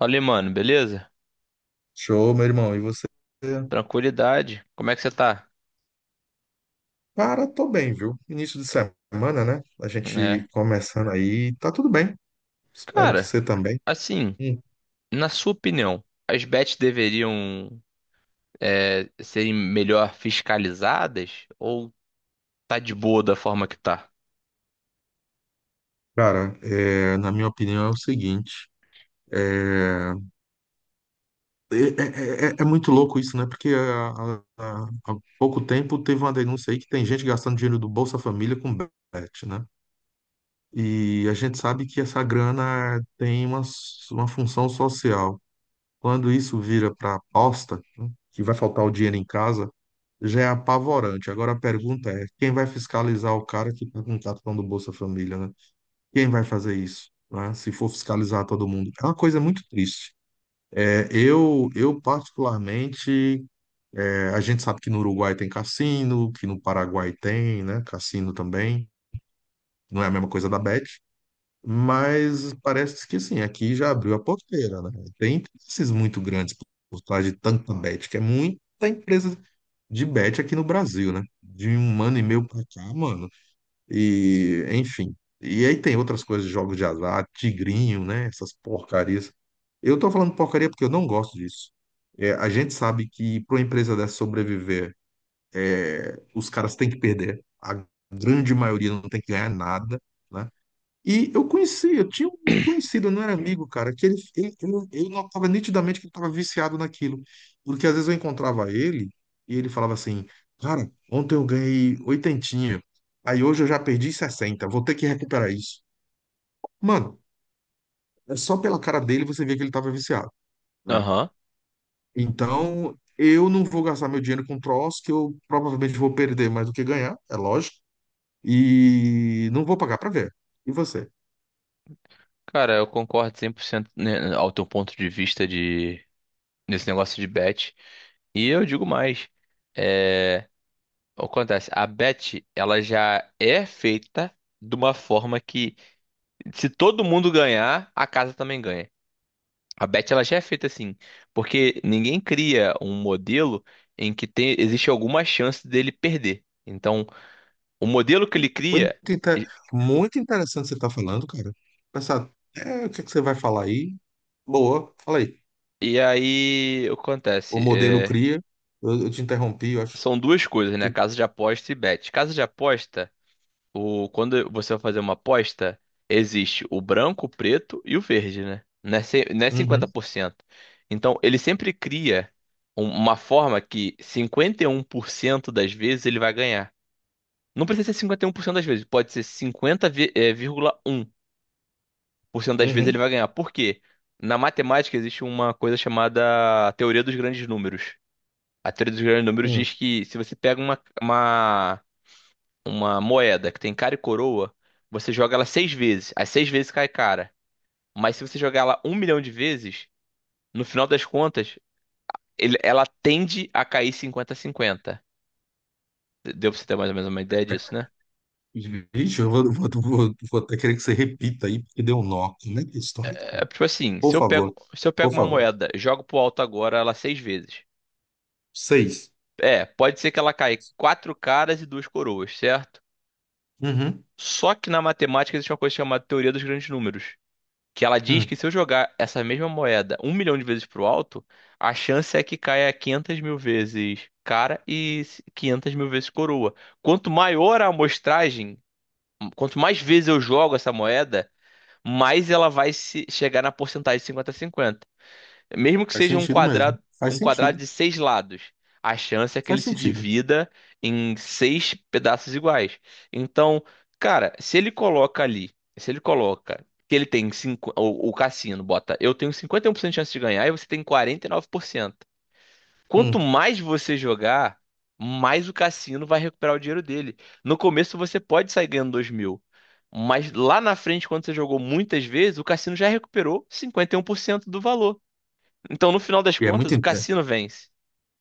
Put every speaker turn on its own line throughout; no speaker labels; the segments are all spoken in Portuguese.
Olha, aí, mano, beleza?
Show, meu irmão. E você?
Tranquilidade. Como é que você tá?
Cara, tô bem, viu? Início de semana, né? A gente
É.
começando aí, tá tudo bem. Espero que
Cara,
você também.
assim,
Hum.
na sua opinião, as bets deveriam serem melhor fiscalizadas ou tá de boa da forma que tá?
Cara, é, na minha opinião é o seguinte, é, é muito louco isso, né? Porque há pouco tempo teve uma denúncia aí que tem gente gastando dinheiro do Bolsa Família com bet, né? E a gente sabe que essa grana tem uma função social. Quando isso vira para aposta, né, que vai faltar o dinheiro em casa, já é apavorante. Agora a pergunta é: quem vai fiscalizar o cara que está com cartão do Bolsa Família, né? Quem vai fazer isso? Né? Se for fiscalizar todo mundo. É uma coisa muito triste. É, eu particularmente, é, a gente sabe que no Uruguai tem cassino, que no Paraguai tem, né? Cassino também. Não é a mesma coisa da Bet. Mas parece que sim, aqui já abriu a porteira, né? Tem interesses muito grandes por trás de tanta bet, que é muita empresa de bet aqui no Brasil, né? De um ano e meio pra cá, mano. E enfim. E aí tem outras coisas, jogos de azar, tigrinho, né? Essas porcarias. Eu tô falando porcaria porque eu não gosto disso. É, a gente sabe que para uma empresa dessa sobreviver, os caras têm que perder. A grande maioria não tem que ganhar nada, né? E eu conheci, eu tinha um conhecido, eu não era amigo, cara, que eu notava nitidamente que ele estava viciado naquilo. Porque às vezes eu encontrava ele e ele falava assim: cara, ontem eu ganhei oitentinha, aí hoje eu já perdi 60, vou ter que recuperar isso. Mano, é só pela cara dele você vê que ele estava viciado, né?
Aham.
Então, eu não vou gastar meu dinheiro com troço que eu provavelmente vou perder mais do que ganhar, é lógico, e não vou pagar pra ver. E você?
Cara, eu concordo 100%, né, ao teu ponto de vista de nesse negócio de bet. E eu digo mais, é, acontece, a bet ela já é feita de uma forma que, se todo mundo ganhar, a casa também ganha. A bet ela já é feita assim, porque ninguém cria um modelo em que tem, existe alguma chance dele perder. Então, o modelo que ele
Muito,
cria,
inter-
e,
Muito interessante você estar falando, cara. Pensar, é, o que é que você vai falar aí? Boa, fala aí.
e aí o que
O
acontece?
modelo
É,
cria. Eu te interrompi, eu acho.
são duas coisas, né? Casa de aposta e bet. Casa de aposta, quando você vai fazer uma aposta, existe o branco, o preto e o verde, né? Não é
Uhum,
50%. Então, ele sempre cria uma forma que 51% das vezes ele vai ganhar. Não precisa ser 51% das vezes, pode ser 50,1% das vezes ele
uhum,
vai ganhar. Por quê? Na matemática existe uma coisa chamada teoria dos grandes números. A teoria dos grandes números
uhum.
diz que, se você pega uma moeda que tem cara e coroa, você joga ela seis vezes. As seis vezes cai cara. Mas se você jogar ela 1 milhão de vezes, no final das contas, ela tende a cair 50 a 50. Deu pra você ter mais ou menos uma ideia disso, né?
Vixe, eu vou até querer que você repita aí, porque deu um nó. Como é que é a história, cara?
É, tipo assim, se
Por
eu pego,
favor,
se eu pego
por
uma
favor.
moeda, jogo pro alto agora ela seis vezes.
Seis.
É, pode ser que ela caia quatro caras e duas coroas, certo?
Uhum,
Só que na matemática existe uma coisa chamada teoria dos grandes números, que ela diz
uhum.
que, se eu jogar essa mesma moeda 1 milhão de vezes pro alto, a chance é que caia 500 mil vezes cara e 500 mil vezes coroa. Quanto maior a amostragem, quanto mais vezes eu jogo essa moeda, mais ela vai se chegar na porcentagem 50 a 50. Mesmo que
Faz
seja
sentido mesmo.
um
Faz
quadrado
sentido.
de seis lados, a chance é que ele
Faz
se
sentido.
divida em seis pedaços iguais. Então, cara, se ele coloca ali, se ele coloca que ele tem cinco, o cassino bota, eu tenho 51% de chance de ganhar e você tem 49%. Quanto
Hum.
mais você jogar, mais o cassino vai recuperar o dinheiro dele. No começo você pode sair ganhando 2 mil. Mas lá na frente, quando você jogou muitas vezes, o cassino já recuperou 51% do valor. Então, no final das
E é
contas, o cassino vence.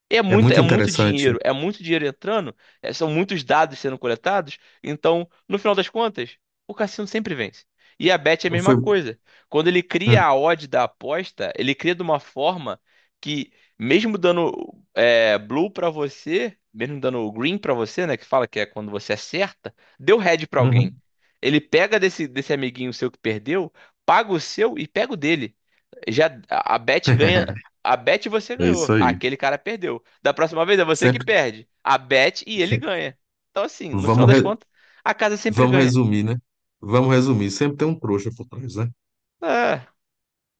É muito,
muito
é muito
interessante.
dinheiro, é muito dinheiro entrando, são muitos dados sendo coletados. Então, no final das contas, o cassino sempre vence. E a bet é a mesma
Foi.
coisa. Quando ele cria
Hum,
a odd da aposta, ele cria de uma forma que, mesmo dando blue para você, mesmo dando green para você, né, que fala que é quando você acerta, deu red para alguém.
uhum.
Ele pega desse amiguinho seu que perdeu, paga o seu e pega o dele. Já a bet ganha. A bet você
É isso
ganhou.
aí.
Aquele cara perdeu. Da próxima vez é você que
Sempre
perde. A bet e ele ganha. Então, assim, no final
Vamos,
das
re-
contas, a casa sempre
Vamos
ganha.
resumir, né? Vamos resumir. Sempre tem um trouxa por trás, né?
É,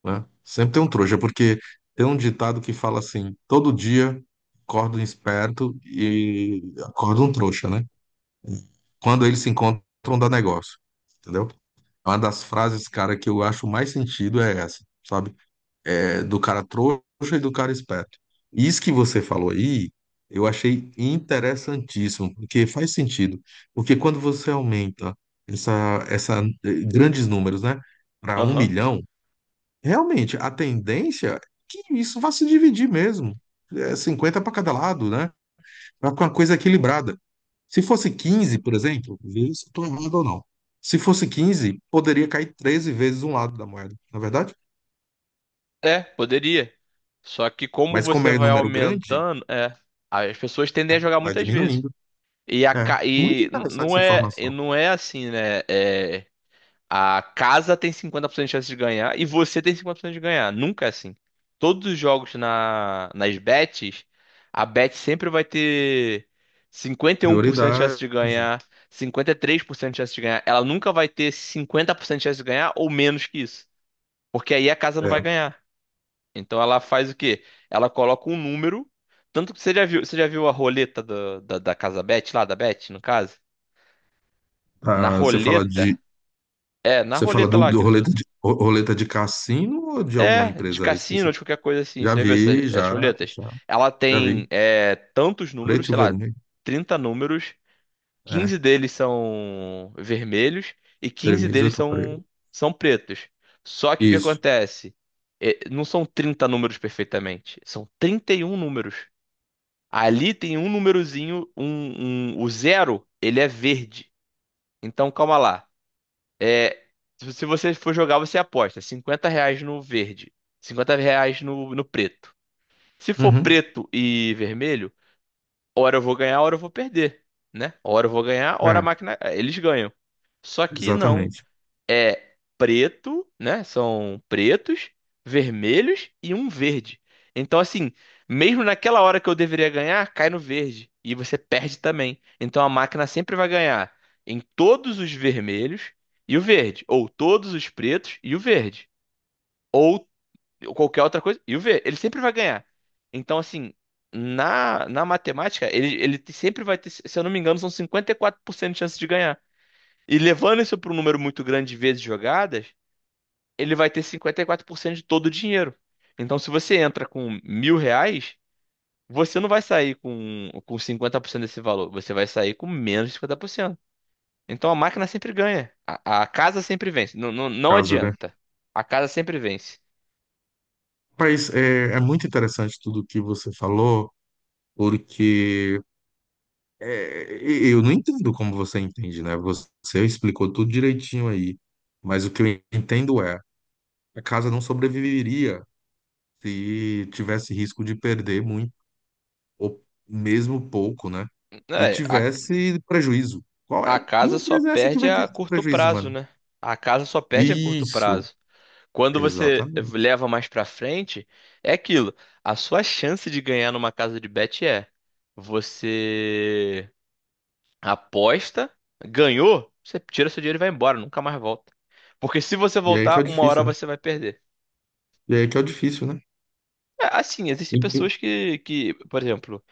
Né? Sempre tem um trouxa, porque tem um ditado que fala assim: todo dia acorda um esperto e acorda um trouxa, né? Quando eles se encontram, dá negócio. Entendeu? É uma das frases, cara, que eu acho mais sentido é essa, sabe? É, do cara trouxa e do cara esperto. Isso que você falou aí, eu achei interessantíssimo, porque faz sentido. Porque quando você aumenta essa, grandes números, né, para um
aham.
milhão, realmente a tendência é que isso vá se dividir mesmo. É 50 para cada lado, né? Vai com uma coisa equilibrada. Se fosse 15, por exemplo, veja se estou errado ou não. Se fosse 15, poderia cair 13 vezes um lado da moeda, na verdade?
É, poderia. Só que, como
Mas como
você
é
vai
número grande,
aumentando, as pessoas tendem a
né?
jogar
Vai
muitas vezes.
diminuindo.
E, a,
É.
ca-
Muito
e n-
interessante
não
essa
é, e
informação.
não é assim, né? É, a casa tem 50% de chance de ganhar e você tem 50% de ganhar. Nunca é assim. Todos os jogos nas bets, a bet sempre vai ter 51% de chance
Prioridade.
de ganhar, 53% de chance de ganhar. Ela nunca vai ter 50% de chance de ganhar ou menos que isso. Porque aí a casa não vai
É.
ganhar. Então ela faz o quê? Ela coloca um número. Tanto que você já viu a roleta da casa bet, lá da bet, no caso? Na
Ah, você fala
roleta.
de.
É, na
Você fala
roleta
do,
lá
do
que eles
roleta
usam.
roleta de cassino ou de alguma
É, de
empresa
cassino,
específica?
de qualquer coisa assim.
Já
Você já viu essas,
vi,
essas
já,
roletas?
já,
Ela
já vi.
tem tantos números,
Preto e o
sei lá,
vermelho.
30 números, 15
É.
deles são vermelhos e 15
Vermelho,
deles
outro preto.
são pretos. Só que o que
Isso.
acontece? É, não são 30 números perfeitamente, são 31 números. Ali tem um númerozinho, o zero, ele é verde. Então calma lá. É, se você for jogar, você aposta R$ 50 no verde, R$ 50 no preto. Se for
Uhum.
preto e vermelho, hora eu vou ganhar, hora eu vou perder, né? Hora eu vou ganhar, hora a
É,
máquina, eles ganham. Só que não
exatamente.
é preto, né? São pretos, vermelhos e um verde. Então, assim, mesmo naquela hora que eu deveria ganhar, cai no verde. E você perde também. Então a máquina sempre vai ganhar em todos os vermelhos e o verde. Ou todos os pretos e o verde. Ou qualquer outra coisa e o verde. Ele sempre vai ganhar. Então, assim. Na matemática, ele sempre vai ter, se eu não me engano, são 54% de chance de ganhar. E levando isso para um número muito grande de vezes jogadas, ele vai ter 54% de todo o dinheiro. Então, se você entra com R$ 1.000, você não vai sair com 50% desse valor, você vai sair com menos de 50%. Então, a máquina sempre ganha, a casa sempre vence, não, não, não
Casa, né?
adianta. A casa sempre vence.
Mas é muito interessante tudo que você falou, porque eu não entendo como você entende, né? Você explicou tudo direitinho aí, mas o que eu entendo é, a casa não sobreviveria se tivesse risco de perder muito, ou mesmo pouco, né? E
É, a,
tivesse prejuízo. Qual é?
a
Que
casa só
empresa é essa que
perde
vai ter
a curto
prejuízo,
prazo,
mano?
né? A casa só perde a curto
Isso,
prazo. Quando você
exatamente.
leva mais pra frente, é aquilo. A sua chance de ganhar numa casa de bet é você aposta, ganhou, você tira seu dinheiro e vai embora, nunca mais volta. Porque, se você
E aí que é
voltar,
o
uma hora
difícil, né?
você vai perder.
E aí que é o difícil, né?
É, assim,
E-
existem
e-
pessoas que, por exemplo,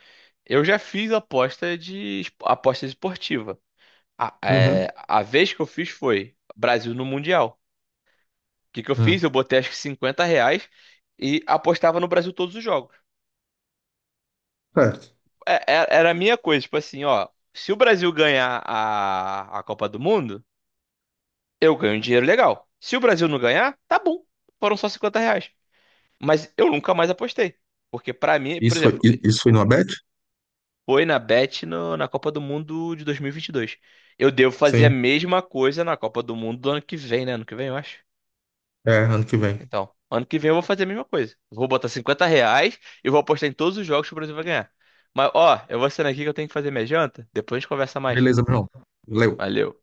eu já fiz aposta esportiva. A, é,
Uhum,
a vez que eu fiz foi Brasil no Mundial. O que que eu fiz?
uhum.
Eu botei acho que R$ 50 e apostava no Brasil todos os jogos.
Certo.
É, era a minha coisa, tipo assim, ó, se o Brasil ganhar a Copa do Mundo, eu ganho um dinheiro legal. Se o Brasil não ganhar, tá bom. Foram só R$ 50. Mas eu nunca mais apostei. Porque, pra mim, por
Isso,
exemplo,
isso foi no Abet?
foi na Bet na Copa do Mundo de 2022. Eu devo fazer a
Sim.
mesma coisa na Copa do Mundo do ano que vem, né? Ano que vem, eu acho.
É, ano que vem.
Então, ano que vem eu vou fazer a mesma coisa. Vou botar R$ 50 e vou apostar em todos os jogos que o Brasil vai ganhar. Mas, ó, eu vou saindo aqui que eu tenho que fazer minha janta. Depois a gente conversa mais.
Beleza, Bruno. Valeu.
Valeu.